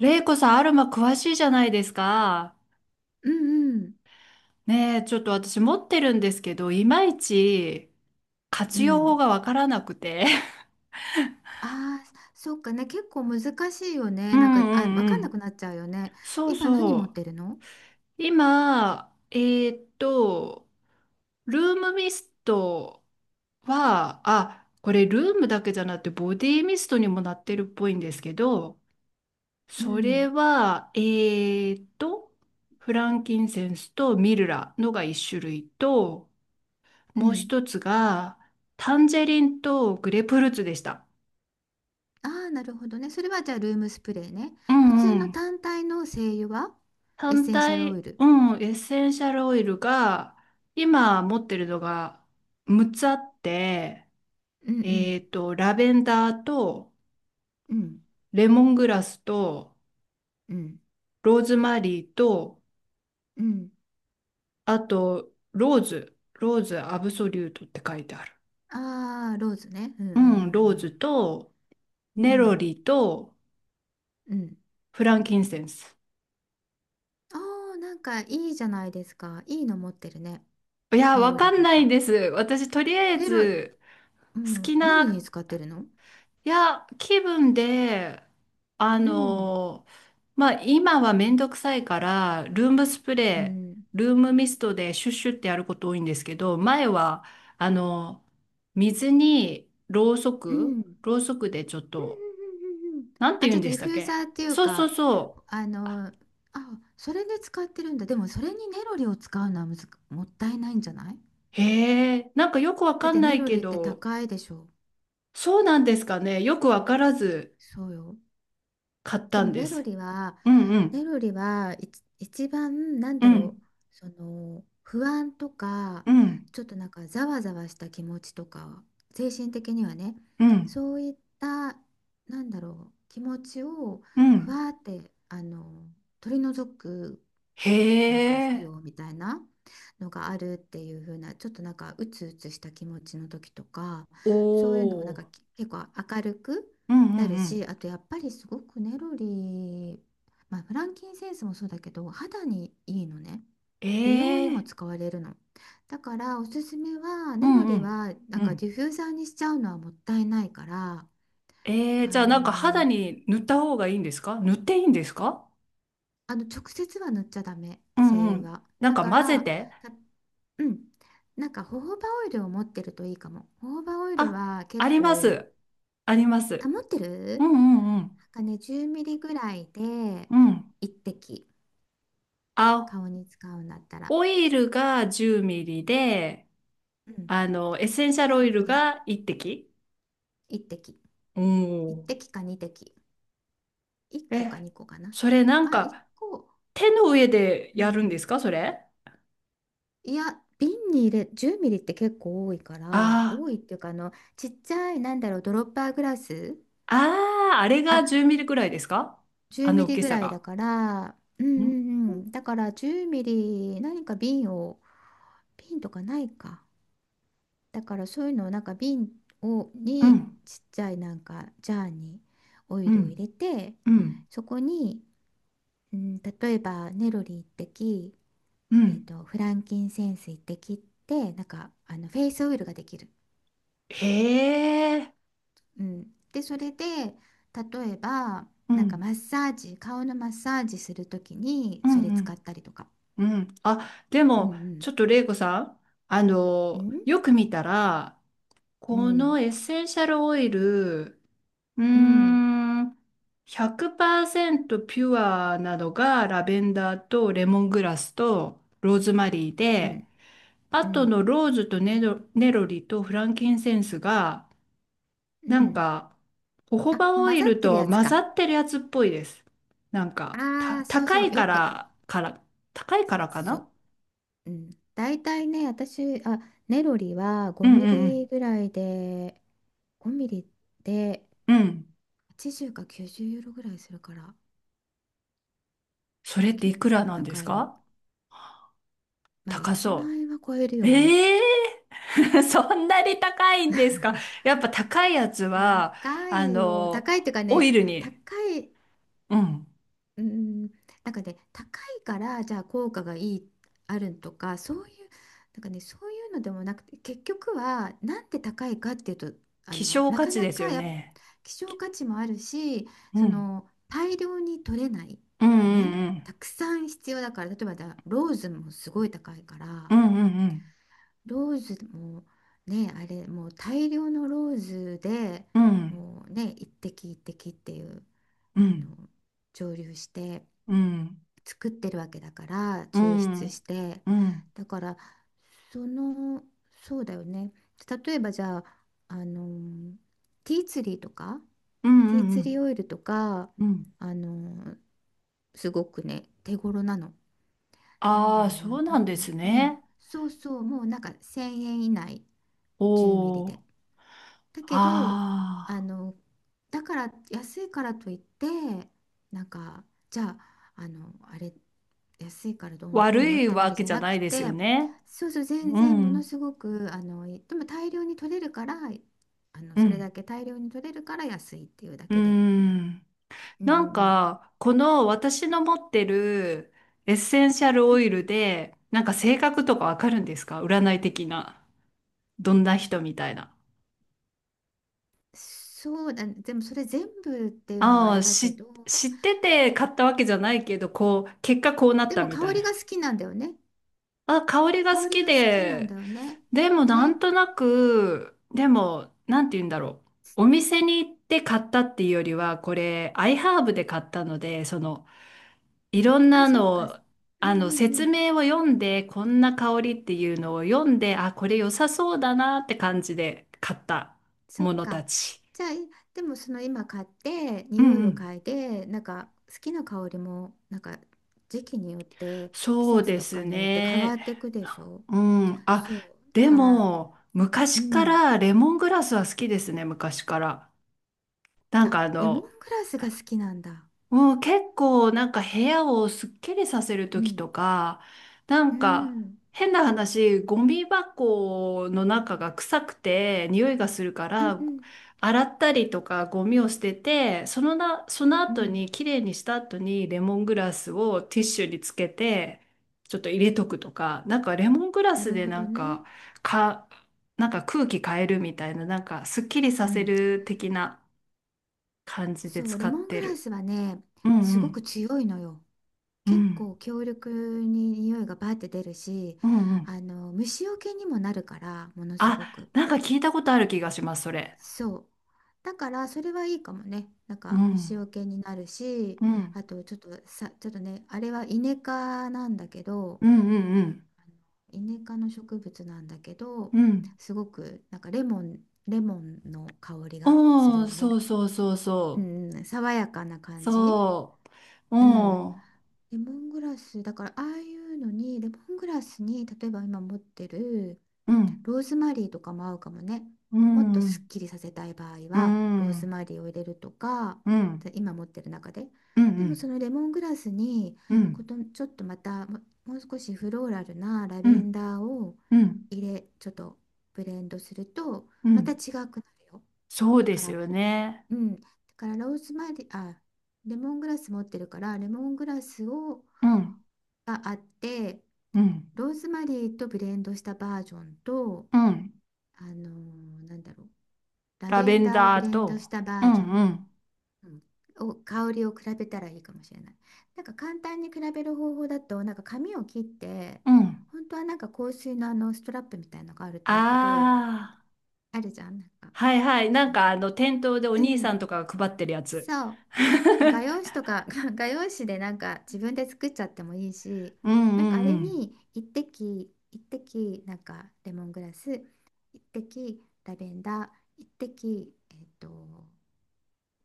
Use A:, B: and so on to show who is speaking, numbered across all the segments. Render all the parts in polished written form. A: レイコさん、アルマ詳しいじゃないですか。
B: うんうん。
A: ねえ、ちょっと私持ってるんですけど、いまいち
B: う
A: 活用法
B: ん。
A: がわからなくて。
B: ああー、そっかね。結構難しいよ
A: う
B: ね。なんか、
A: んう
B: わ
A: んう
B: かんな
A: ん。
B: くなっちゃうよね。
A: そう
B: 今何持っ
A: そ
B: てるの？
A: う。今、ルームミストは、あ、これルームだけじゃなくてボディミストにもなってるっぽいんですけど、
B: う
A: それ
B: ん。
A: は、フランキンセンスとミルラのが一種類と、
B: う
A: もう
B: ん。
A: 一つが、タンジェリンとグレープフルーツでした。
B: ああー、なるほどね。それはじゃあルームスプレーね。
A: う
B: 普
A: んう
B: 通の
A: ん。
B: 単体の精油はエッ
A: 単
B: センシャルオ
A: 体、
B: イル。
A: うん、エッセンシャルオイルが、今持ってるのが6つあって、
B: うんう
A: え
B: ん。
A: っと、ラベンダーと、
B: うん。
A: レモングラスと、
B: うん。
A: ローズマリーと、
B: うん。
A: あと、ローズ、ローズアブソリュートって書いてある。
B: ああー、ローズね。うんう
A: うん、ロー
B: ん
A: ズと、
B: う
A: ネ
B: んう
A: ロ
B: ん。
A: リと、
B: うん。うん。
A: フランキンセンス。
B: ああー、なんかいいじゃないですか。いいの持ってるね。
A: いや、
B: ネ
A: わ
B: ロ
A: か
B: リ
A: ん
B: と
A: ない
B: か。
A: です。私、とりあえ
B: ネロリ、
A: ず、
B: う
A: 好
B: ん。
A: き
B: 何
A: な、
B: に使ってるの？
A: いや、気分で、あ
B: うん。
A: の、まあ、今はめんどくさいから、ルームスプ
B: う
A: レ
B: ん。
A: ー、ルームミストでシュッシュってやること多いんですけど、前は、あの、水にろうそ
B: うん。う
A: く、
B: んう
A: ろうそくでちょっと、
B: んうん、
A: なんて
B: あ、
A: 言
B: じ
A: う
B: ゃ
A: ん
B: あ
A: で
B: ディ
A: した
B: フ
A: っ
B: ューザー
A: け。
B: っていう
A: そうそう
B: か、
A: そ
B: あの、あ、それで使ってるんだ。でもそれにネロリを使うのはむず、もったいないんじゃない？
A: う。へえ、なんかよくわ
B: だ
A: か
B: っ
A: ん
B: て
A: な
B: ネ
A: い
B: ロ
A: け
B: リって
A: ど、
B: 高いでしょ。
A: そうなんですかね。よくわからず
B: そうよ。
A: 買っ
B: で
A: たん
B: も
A: で
B: ネロ
A: す。
B: リは、
A: うんう
B: ネ
A: ん、
B: ロリは一番なん
A: う
B: だろ
A: ん、
B: う、その不安とか、
A: うん、
B: ちょっとなんかざわざわした気持ちとか、精神的にはね、
A: うん、
B: そういった、なんだろう、気持ちを
A: う
B: ふ
A: ん。
B: わーって、あの、取り除く
A: へ
B: なんか作
A: え、
B: 用みたいなのがあるっていう風な、ちょっとなんかうつうつした気持ちの時とか、
A: お
B: そういうのをなんか
A: ー、
B: 結構明るく
A: うんうん
B: なる
A: うん。
B: し、あとやっぱりすごくネロリー、まあ、フランキンセンスもそうだけど肌にいいのね。
A: え
B: 美容に
A: え、
B: も使われるの。だからおすすめは
A: う
B: ネロ
A: んう
B: リ
A: ん、
B: はなん
A: う
B: か
A: ん。
B: ディフューザーにしちゃうのはもったいないから。
A: ええ、じゃ
B: あ
A: あなんか肌
B: の
A: に塗った方がいいんですか、塗っていいんですか？
B: あの直接は塗っちゃダメ、
A: うんう
B: 精油
A: ん。
B: は。
A: なん
B: だ
A: か
B: か
A: 混ぜ
B: ら
A: て。
B: うん。なんか、ホホバオイルを持ってるといいかも。ホホバオイル
A: あ、
B: は
A: あ
B: 結
A: りま
B: 構、
A: す。ありま
B: あ、
A: す。
B: 持って
A: う
B: る？
A: んうん
B: なんかね、10ミリぐらいで
A: うん。うん。
B: 1滴、
A: あ、
B: 顔に使うんだったら。
A: オイルが10ミリで、
B: うん。
A: あの、エッセンシャルオ
B: 10
A: イ
B: ミ
A: ル
B: リ
A: が1滴。
B: 1滴。
A: おお。
B: 1滴か2滴。1個か
A: え、
B: 2個かな。
A: それなん
B: まあ、1
A: か
B: 個。
A: 手の上で
B: う
A: やるん
B: ん。
A: ですか、それ？
B: いや、瓶に入れ、10ミリって結構多いから、
A: ああ
B: 多い
A: ー。
B: っていうか、あの、ちっちゃい、なんだろう、ドロッパーグラス。
A: ああ、あれ
B: あ、
A: が10ミリくらいですか、あ
B: 10ミ
A: の大
B: リ
A: き
B: ぐ
A: さ
B: らいだ
A: が。
B: から、うんう
A: ん
B: んうん。だから10ミリ何か瓶を、瓶とかないか。だからそういうのをなんか
A: う
B: に
A: ん、
B: ちっちゃいなんかジャーにオ
A: う
B: イルを入
A: ん、
B: れて、
A: うん、
B: そこに、うん、例えばネロリ滴、
A: う
B: えっ
A: ん。
B: と、フランキンセンス一滴って、なんかあのフェイスオイルができる。
A: へえ、
B: うん、でそれで例えば
A: う
B: なんか
A: ん、
B: マッサージ、顔のマッサージするときに
A: う
B: そ
A: ん、
B: れ
A: う
B: 使っ
A: ん。
B: たりとか。
A: うん、あ、で
B: うん
A: も、
B: うん
A: ちょっと玲子さん、あ
B: う
A: の、
B: ん
A: よく見たら、
B: う
A: この
B: ん
A: エッセンシャルオイル、うー
B: うん
A: ん、100%ピュアなのがラベンダーとレモングラスとローズマリー
B: う
A: で、
B: ん、
A: あ
B: う
A: と
B: ん
A: のローズとネロ、ネロリとフランキンセンスが、
B: う
A: なん
B: ん、
A: か、ホホ
B: あ、
A: バオ
B: 混
A: イ
B: ざっ
A: ル
B: てる
A: と
B: やつ
A: 混ざ
B: か。
A: ってるやつっぽいです。なんか、
B: あ
A: た、
B: あ、そう
A: 高
B: そう、
A: い
B: よ
A: か
B: く、
A: ら、から、高いからか
B: そ
A: な。
B: う、うん。大体ね、私、あ、ネロリは
A: う
B: 5
A: ん
B: ミ
A: うん
B: リぐらいで、5ミリで
A: うん。うん。
B: 80か90ユーロぐらいするから、
A: それって
B: 結
A: いくら
B: 構
A: なんです
B: 高いの。
A: か？
B: まあ、
A: 高
B: 1
A: そ
B: 万円は超える
A: う。
B: よね。
A: ええー、そんなに高いんですか？やっぱ高いやつは、
B: 高
A: あ
B: いよ。
A: の、
B: 高いっていうか
A: オ
B: ね、
A: イル
B: 高
A: に。
B: い、
A: うん。
B: うん、なんかね、高いからじゃあ効果がいい、あるとか、そういう、なんかね、そういうのでもなくて、結局は、なんで高いかっていうと、あ
A: 希
B: の、
A: 少
B: な
A: 価
B: か
A: 値
B: な
A: です
B: か
A: よ
B: やっ、
A: ね。
B: 希少価値もあるし、
A: う
B: そ
A: ん。
B: の、大量に取れない
A: うんう
B: よね。
A: んう
B: た
A: ん。
B: くさん必要だから、例えばローズもすごい高いか
A: う
B: ら、
A: んうん
B: ローズもね、あれ、もう大量のローズで
A: うん。うん。
B: もうね、一滴一滴っていう、
A: う
B: あ
A: ん。
B: の、蒸留して
A: うん。
B: 作ってるわけだから、
A: う
B: 抽
A: ん。う
B: 出
A: ん
B: して。
A: うん。
B: だからその、そうだよね、例えばじゃあ、あの、ティーツリーとか
A: う
B: テ
A: ん
B: ィ
A: う
B: ーツリ
A: ん
B: ーオイルとか、
A: うん。うん。
B: あの、すごくね、手頃なの。なんだ
A: ああ、
B: ろう
A: そ
B: な、
A: う
B: 多
A: なんです
B: 分、うん、
A: ね。
B: そうそう、もうなんか1,000円以内、10ミリ
A: お
B: で。
A: お。
B: だけど、あ
A: ああ。
B: の、だから安いからといって、なんか、じゃあ、あの安いからどうのこ
A: 悪
B: うのっ
A: い
B: てわ
A: わ
B: け
A: け
B: じゃ
A: じゃ
B: な
A: な
B: く
A: いです
B: て。
A: よね。
B: そうそう、全
A: う
B: 然、もの
A: ん。
B: すごく、あの、でも大量に取れるから、あの
A: う
B: それ
A: ん。
B: だけ大量に取れるから安いっていうだ
A: う
B: けで。
A: ん。
B: うんうん
A: なん
B: うん。
A: か、この私の持ってるエッセンシャル
B: うん、
A: オイルで、なんか性格とかわかるんですか、占い的な。どんな人みたいな。
B: そうだね、でもそれ全部っていうのは
A: あ
B: あれ
A: あ、
B: だけ
A: し、
B: ど、
A: 知ってて買ったわけじゃないけど、こう、結果こうなっ
B: で
A: た
B: も
A: みた
B: 香
A: い
B: り
A: な。
B: が好きなんだよね。
A: あ、香りが
B: 香
A: 好
B: り
A: き
B: が好きなん
A: で、
B: だよね。
A: でもな
B: ね。
A: んとなく、でも、なんて言うんだろう。お店に行って買ったっていうよりは、これ、アイハーブで買ったので、その、いろん
B: あ、
A: な
B: そう
A: の
B: か。
A: を、
B: うん
A: あの、
B: うんう
A: 説
B: ん。
A: 明を読んで、こんな香りっていうのを読んで、あ、これ良さそうだなって感じで買った
B: そ
A: も
B: っ
A: のた
B: か。
A: ち。
B: じゃあ、でもその今買って、
A: うん
B: 匂
A: う
B: いを
A: ん。
B: 嗅いで、なんか好きな香りも、なんか時期によって、季
A: そう
B: 節
A: で
B: と
A: す
B: かによって変わ
A: ね。
B: っていくでしょ？
A: うん。あ、
B: そう。だ
A: で
B: から、
A: も、
B: う
A: 昔か
B: ん。
A: らレモングラスは好きですね、昔から。なん
B: あ、
A: かあ
B: レモン
A: の、
B: グラスが好きなんだ。
A: もう結構なんか部屋をすっきりさせる
B: う
A: 時
B: ん。
A: とか、な
B: う
A: んか
B: ん。
A: 変な話、ゴミ箱の中が臭くて匂いがするか
B: うんう
A: ら、
B: ん
A: 洗ったりとかゴミを捨てて、そのな、その
B: う
A: 後
B: ん。
A: に綺麗にした後にレモングラスをティッシュにつけて、ちょっと入れとくとか、なんかレモングラ
B: な
A: ス
B: る
A: で
B: ほ
A: な
B: ど
A: ん
B: ね。
A: か、か、なんか空気変えるみたいな、なんかすっきりさ
B: う
A: せ
B: ん。
A: る的な感じで
B: そう、
A: 使
B: レモ
A: っ
B: ン
A: て
B: グラ
A: る。
B: スはね、
A: うん
B: す
A: う
B: ごく
A: ん。
B: 強いのよ。
A: う
B: 結
A: ん。
B: 構強力に匂いがバーって出るし、
A: うんうん。
B: あの、虫除けにもなるからものすご
A: あ、
B: く、
A: なんか聞いたことある気がします、それ。
B: そう、だからそれはいいかもね、なん
A: う
B: か
A: ん。
B: 虫除けになるし。
A: うん。
B: あとちょっとさ、ちょっとね、あれはイネ科なんだけど、
A: うんうん
B: あの、イネ科の植物なんだけど、
A: うん。うん。
B: すごくなんかレモン、レモンの香りがする
A: おー、
B: よ
A: そ
B: ね。
A: うそうそう
B: う
A: そ
B: んうん、爽やかな
A: う。
B: 感じ。
A: そう。
B: うん、
A: おー。
B: レモングラス、だからああいうのに、レモングラスに、例えば今持ってる
A: うん。
B: ローズマリーとかも合うかもね。
A: う
B: もっと
A: んう
B: すっ
A: ん。
B: きりさせたい場合
A: う
B: は、ローズ
A: ん。
B: マリーを入れるとか、
A: うん
B: で今持ってる中で。
A: うんう
B: でも
A: ん。
B: そのレモングラスに、
A: うん
B: ちょっとまたも、もう少しフローラルなラベンダーを
A: うん。
B: ちょっとブレンドすると、
A: う
B: また違
A: ん。
B: くなるよ。
A: そう
B: だ
A: で
B: か
A: す
B: ら、
A: よね。
B: うん。だからローズマリー、あ、レモングラス持ってるから、レモングラス
A: うん。
B: があって、
A: うん。
B: ローズマリーとブレンドしたバージョンと、
A: うん。
B: なんだろう、ラ
A: ラ
B: ベ
A: ベ
B: ン
A: ン
B: ダーをブ
A: ダ
B: レ
A: ー
B: ン
A: と。
B: ドした
A: う
B: バ
A: ん
B: ージョン、
A: うん。
B: うん、を香りを比べたらいいかもしれない。なんか簡単に比べる方法だと、なんか紙を切って、
A: うん。
B: 本当はなんか香水のあのストラップみたいなのがある
A: あ
B: といいけど、
A: あ。
B: あるじゃん、なんか。
A: はいはい。な
B: そ
A: ん
B: う
A: か
B: そ
A: あ
B: う。
A: の店頭でお
B: う
A: 兄さん
B: ん。
A: とかが配ってるやつ。
B: そう。なんか画用紙 とか 画用紙でなんか自分で作っちゃってもいいし、
A: う
B: なんかあ
A: ん
B: れ
A: うん
B: に一滴一滴、なんかレモングラス、一滴ラベンダー、一滴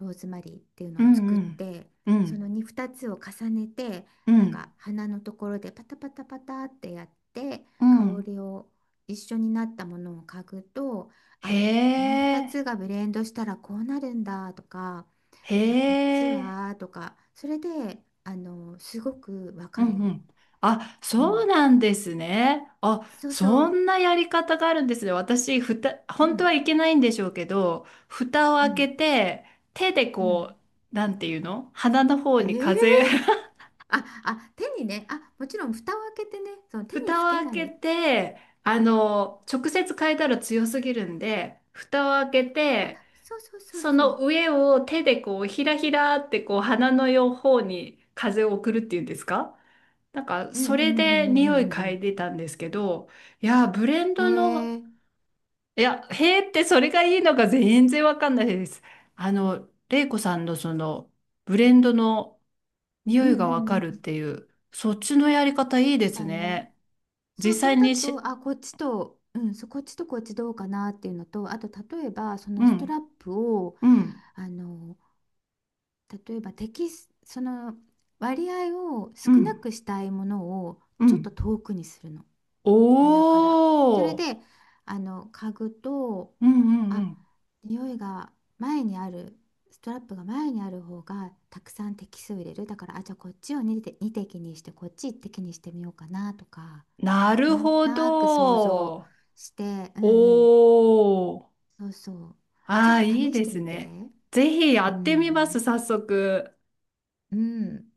B: ローズマリーっていう
A: う
B: のを作
A: ん。
B: っ
A: うん
B: て、
A: うん。う
B: その
A: ん
B: に2つを重ねて、
A: う
B: なん
A: ん。
B: か花のところでパタパタパタってやって香りを一緒になったものを嗅ぐと、
A: へ
B: あ、この2
A: え。
B: つがブレンドしたらこうなるんだとか。
A: へ
B: じゃあこっち
A: え。
B: はとか、それであのすごくわ
A: う
B: か
A: ん
B: る
A: う
B: よ。
A: ん。あ、
B: う
A: そう
B: ん、
A: なんですね。あ、
B: そうそ
A: そ
B: う、
A: んなやり方があるんですね。私、ふた、
B: う
A: 本当
B: ん
A: はいけないんでしょうけど、蓋を
B: う
A: 開け
B: ん
A: て、手で
B: う
A: こ
B: ん、
A: う、なんていうの、鼻の方に風。
B: ええ、ああ、手にね、あ、もちろん蓋を開けてね、その手に
A: 蓋
B: つけ
A: を開
B: な
A: け
B: い、
A: て、あの、直接変えたら強すぎるんで、蓋を開け
B: あ、
A: て、
B: そうそうそう
A: そ
B: そ
A: の
B: う、
A: 上を手でこう、ひらひらってこう、鼻の両方に風を送るっていうんですか、なんか、
B: うんうん
A: それ
B: うんう
A: で匂
B: ん
A: い
B: うんう
A: 嗅い
B: ん
A: でたんですけど、いや、ブレン
B: う
A: ドの、
B: ん、へえ、
A: いや、へーってそれがいいのか全然わかんないです。あの、玲子さんのその、ブレンドの匂
B: う
A: い
B: んう
A: がわか
B: ん
A: る
B: う
A: っ
B: ん、
A: ていう、そっちのやり方いいで
B: そう
A: す
B: だね、
A: ね。
B: そ
A: 実
B: う、それ
A: 際
B: だ
A: にし、
B: と、あ、こっちと、うん、そう、こっちとこっちどうかなっていうのと、あと例えばそ
A: う
B: のスト
A: ん。
B: ラップを、
A: うん、
B: あの、例えばテキスその割合を
A: う
B: 少な
A: ん、
B: くしたいものを
A: う
B: ちょっと
A: ん。
B: 遠くにするの、
A: お
B: 鼻から。それ
A: ー。
B: であの嗅ぐと、
A: うんうんう
B: あ、
A: ん。
B: 匂いが、前にあるストラップが前にある方がたくさん滴数を入れる。だから、あ、じゃあこっちを2滴、二滴にしてこっち1滴にしてみようかなとか、
A: なる
B: なんと
A: ほ
B: なく想像
A: ど。
B: して、うんうん、
A: おー。
B: そうそう、ちょ
A: あ
B: っ
A: あ、
B: と
A: いい
B: 試し
A: で
B: て
A: す
B: みて。
A: ね。ぜひや
B: う
A: ってみます、
B: ん
A: 早速。
B: うん